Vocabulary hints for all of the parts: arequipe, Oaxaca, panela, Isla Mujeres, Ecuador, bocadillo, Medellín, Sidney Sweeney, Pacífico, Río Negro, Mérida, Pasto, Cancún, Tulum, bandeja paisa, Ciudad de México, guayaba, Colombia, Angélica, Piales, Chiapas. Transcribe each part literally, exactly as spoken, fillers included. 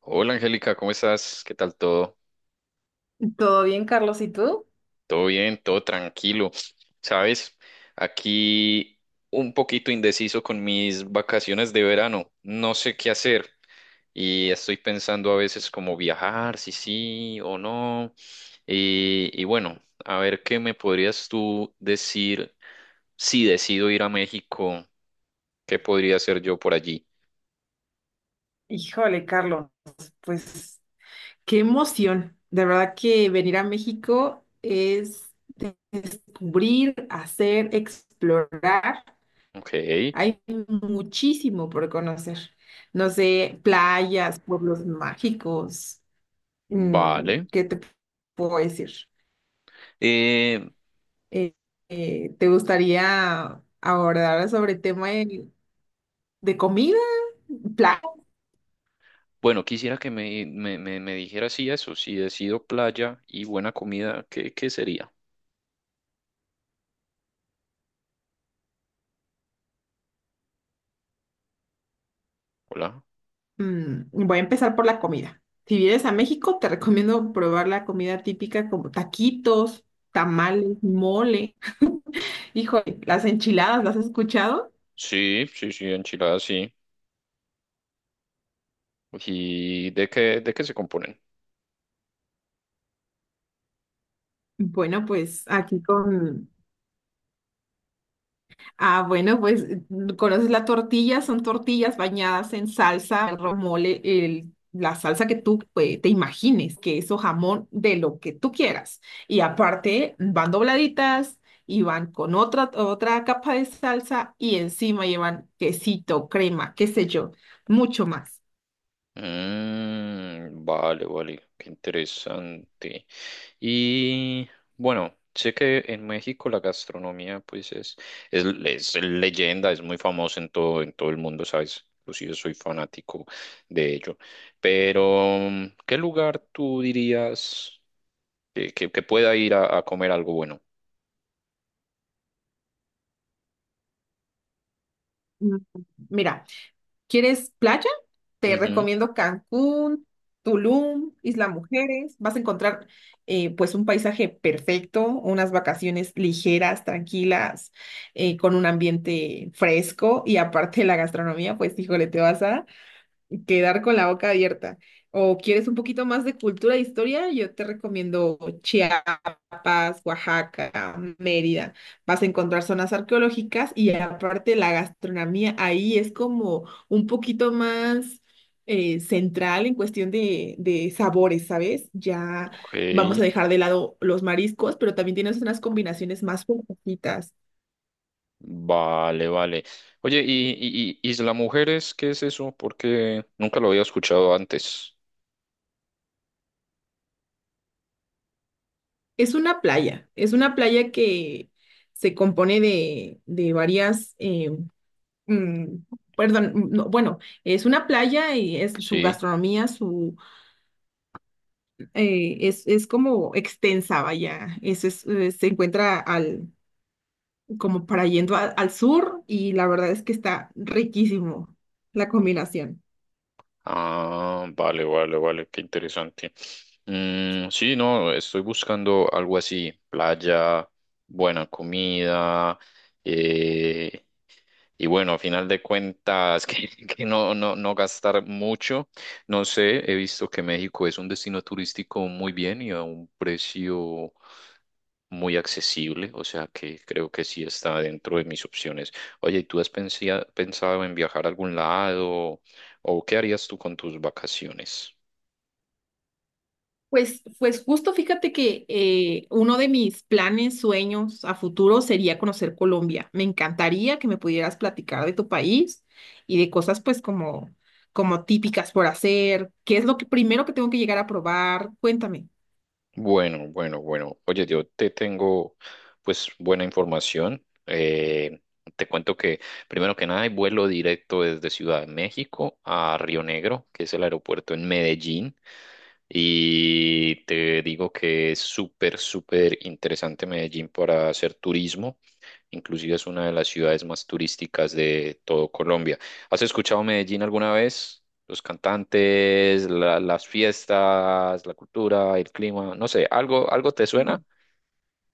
Hola Angélica, ¿cómo estás? ¿Qué tal todo? ¿Todo bien, Carlos? ¿Y tú? ¿Todo bien? ¿Todo tranquilo? ¿Sabes? Aquí un poquito indeciso con mis vacaciones de verano. No sé qué hacer y estoy pensando a veces como viajar, si sí o no. Y, y bueno, a ver qué me podrías tú decir si decido ir a México, ¿qué podría hacer yo por allí? Híjole, Carlos, pues qué emoción. De verdad que venir a México es de- descubrir, hacer, explorar. Ok, Hay muchísimo por conocer. No sé, playas, pueblos mágicos. mm, vale. ¿qué te puedo decir? Eh, Eh, eh, ¿te gustaría abordar sobre el tema de, de comida? Bueno, quisiera que me, me, me, me dijeras si eso, si decido playa y buena comida, ¿qué, qué sería? Hola. Mm, voy a empezar por la comida. Si vienes a México, te recomiendo probar la comida típica como taquitos, tamales, mole. Híjole, las enchiladas, ¿las has escuchado? Sí, sí, sí, enchiladas, sí. ¿Y de qué, de qué se componen? Bueno, pues aquí con, ah, bueno, pues mm, conoces la tortilla, son tortillas bañadas en salsa, el romole, el, la salsa que tú eh, te imagines, queso, jamón, de lo que tú quieras. Y aparte van dobladitas y van con otra, otra capa de salsa y encima llevan quesito, crema, qué sé yo, mucho más. Mm, vale, vale, qué interesante. Y bueno, sé que en México la gastronomía pues es, es, es leyenda, es muy famosa en todo, en todo el mundo, ¿sabes? Inclusive soy fanático de ello. Pero ¿qué lugar tú dirías que, que- que pueda ir a, a comer algo bueno? Mm, mira, ¿quieres playa? Te Ujú. recomiendo Cancún, Tulum, Isla Mujeres. Vas a encontrar eh, pues un paisaje perfecto, unas vacaciones ligeras, tranquilas, eh, con un ambiente fresco y aparte la gastronomía, pues híjole, te vas a quedar con la boca abierta. O quieres un poquito más de cultura e historia, yo te recomiendo Chiapas, Oaxaca, Mérida. Vas a encontrar zonas arqueológicas y aparte la gastronomía ahí es como un poquito más eh, central en cuestión de, de sabores, ¿sabes? Ya Ok, vamos a dejar de lado los mariscos, pero también tienes unas combinaciones más poquitas. vale, vale. Oye, ¿y, y, y Isla Mujeres qué es eso? Porque nunca lo había escuchado antes. Es una playa, es una playa que se compone de, de varias em, mm, perdón, mm, no, bueno, es una playa y es su Sí. gastronomía, su eh, es, es como extensa, vaya, es, es, eh, se encuentra al como para yendo a- al sur y la verdad es que está riquísimo la combinación. Ah, vale, vale, vale, qué interesante. Mm, sí, no, estoy buscando algo así, playa, buena comida. eh, Y bueno, a final de cuentas, que, que no, no, no gastar mucho. No sé, he visto que México es un destino turístico muy bien y a un precio muy accesible, o sea que creo que sí está dentro de mis opciones. Oye, ¿y tú has pensia- pensado en viajar a algún lado o qué harías tú con tus vacaciones? Pues, pues justo fíjate que eh, uno de mis planes, sueños a futuro sería conocer Colombia. Me encantaría que me pudieras platicar de tu país y de cosas pues como, como típicas por hacer. ¿Qué es lo que primero que tengo que llegar a probar? Cuéntame. Bueno, bueno, bueno. Oye, yo te tengo pues buena información. Eh, te cuento que primero que nada hay vuelo directo desde Ciudad de México a Río Negro, que es el aeropuerto en Medellín. Y te digo que es súper, súper interesante Medellín para hacer turismo. Inclusive es una de las ciudades más turísticas de todo Colombia. ¿Has escuchado Medellín alguna vez? Los cantantes, la- las fiestas, la cultura, el clima, no sé, ¿algo, algo te suena? Sí,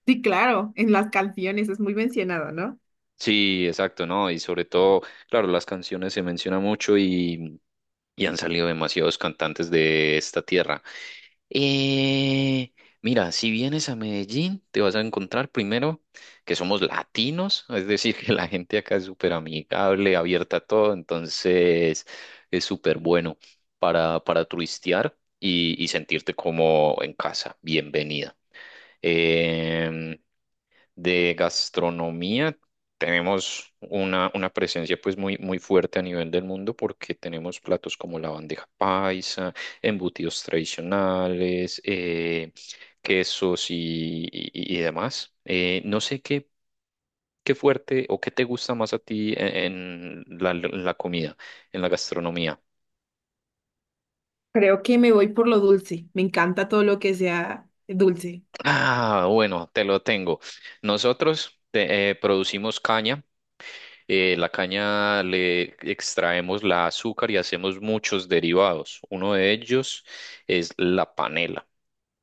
sí, claro, en las canciones es muy mencionado, ¿no? Sí, exacto, ¿no? Y sobre todo, claro, las canciones se mencionan mucho y, y han salido demasiados cantantes de esta tierra. Eh, Mira, si vienes a Medellín, te vas a encontrar primero que somos latinos, es decir, que la gente acá es súper amigable, abierta a todo. Entonces es súper bueno para, para turistear y, y sentirte como en casa, bienvenida. Em, de gastronomía tenemos una, una presencia pues muy, muy fuerte a nivel del mundo, porque tenemos platos como la bandeja paisa, embutidos tradicionales, eh, quesos y, y- y demás. Eh, no sé qué, qué fuerte o qué te gusta más a ti en, en la, la comida, en la gastronomía. Creo que me voy por lo dulce. Me encanta todo lo que sea dulce. Ah, bueno, te lo tengo. Nosotros te- eh, producimos caña. Eh, la caña le extraemos la azúcar y hacemos muchos derivados. Uno de ellos es la panela.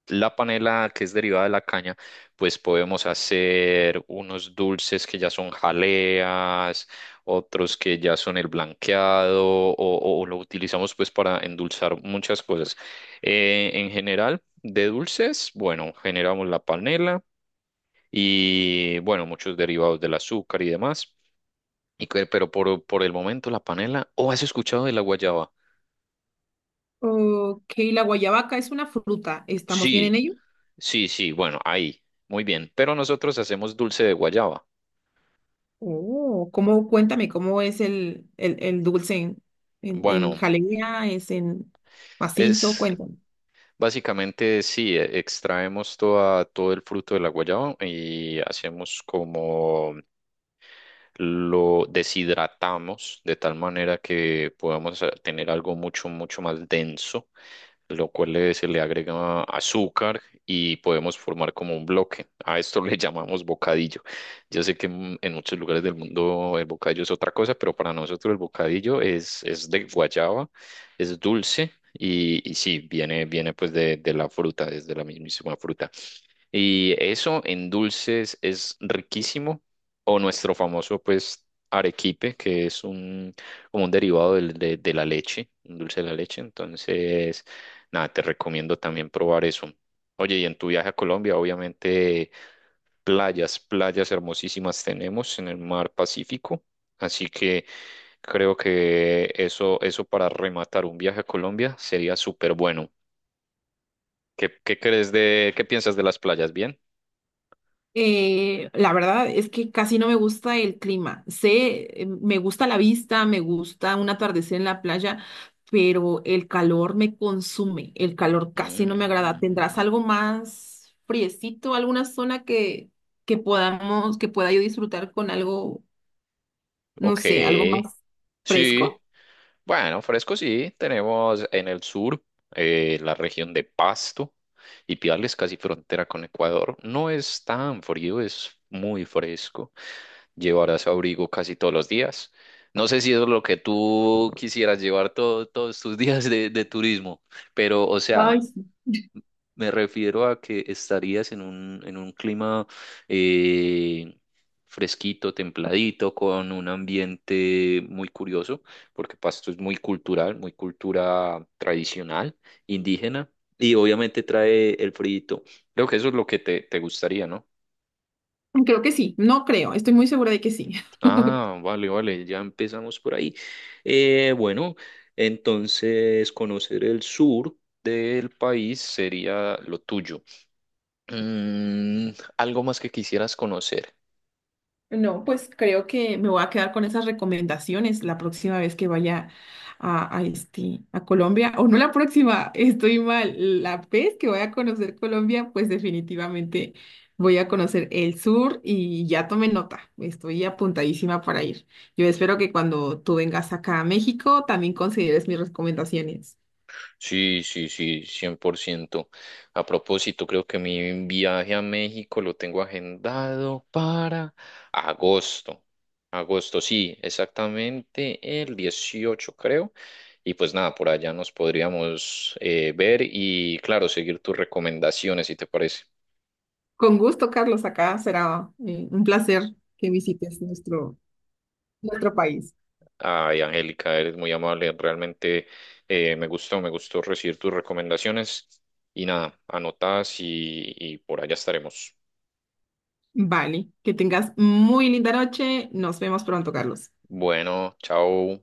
La panela, que es derivada de la caña, pues podemos hacer unos dulces que ya son jaleas, otros que ya son el blanqueado, o, o- o lo utilizamos pues para endulzar muchas cosas. Eh, en general, de dulces, bueno, generamos la panela y bueno, muchos derivados del azúcar y demás. Y que- pero por, por el momento la panela. ¿O has escuchado de la guayaba? Ok, la guayabaca es una fruta. ¿Estamos bien Sí, en ello? sí, sí. Bueno, ahí. Muy bien. Pero nosotros hacemos dulce de guayaba. Oh, ¿cómo, cuéntame, cómo es el, el, el dulce en, en, en Bueno, jalea, es en macizo? es Cuéntame. básicamente sí, e- extraemos toda, todo el fruto de la guayaba y hacemos como lo deshidratamos, de tal manera que podamos eh, tener algo mucho, mucho más denso, lo cual le- se le agrega azúcar y podemos formar como un bloque. A esto le llamamos bocadillo. Yo sé que en, en muchos lugares del mundo el bocadillo es otra cosa, pero para nosotros el bocadillo es, es de guayaba, es dulce y, y sí, viene, viene pues de, de la fruta, es de la mismísima fruta. Y eso en dulces es riquísimo. O nuestro famoso, pues, arequipe, que es un, como un derivado del- de, de la leche, un dulce de la leche. Entonces, nada, te recomiendo también probar eso. Oye, y en tu viaje a Colombia, obviamente, playas, playas hermosísimas tenemos en el mar Pacífico. Así que creo que eso, eso para rematar un viaje a Colombia sería súper bueno. ¿Qué, qué crees de, qué piensas de las playas? ¿Bien? Eh, la verdad es que casi no me gusta el clima. Sé, eh, me gusta la vista, me gusta un atardecer en la playa, pero el calor me consume. El calor casi no me agrada. ¿Tendrás Mm, algo más friecito, alguna zona que, que podamos, que pueda yo disfrutar con algo, no sé, algo más ok, sí. fresco? Bueno, fresco sí. Tenemos en el sur, eh, la región de Pasto y Piales, casi frontera con Ecuador. No es tan frío, es muy fresco. Llevarás abrigo casi todos los días. No sé si es lo que tú quisieras llevar todo- todos tus días de, de turismo, pero o sea, Ay, me refiero a que estarías en un, en un clima eh, fresquito, templadito, con un ambiente muy curioso, porque Pasto es muy cultural, muy cultura tradicional, indígena, y obviamente trae el frito. Creo que eso es lo que te, te gustaría, ¿no? creo que sí, no creo, estoy muy segura de que sí. Ah, vale, vale, ya empezamos por ahí. Eh, bueno, entonces conocer el sur del país sería lo tuyo. Mm, algo más que quisieras conocer. No, pues creo que me voy a quedar con esas recomendaciones la próxima vez que vaya a, a, este, a Colombia, o no la próxima, estoy mal, la vez que voy a conocer Colombia, pues definitivamente voy a conocer el sur y ya tomé nota, estoy apuntadísima para ir. Yo espero que cuando tú vengas acá a México también consideres mis recomendaciones. Sí, sí, sí, cien por ciento. A propósito, creo que mi viaje a México lo tengo agendado para agosto. Agosto, sí, exactamente el dieciocho, creo. Y pues nada, por allá nos podríamos eh, ver y, claro, seguir tus recomendaciones, si te parece. Con gusto, Carlos, acá será eh, un placer que visites nuestro... nuestro país. Ay, Angélica, eres muy amable. Realmente eh, me gustó, me gustó recibir tus recomendaciones. Y nada, anotadas y, y por allá estaremos. Vale, que tengas muy linda noche. Nos vemos pronto, Carlos. Bueno, chao.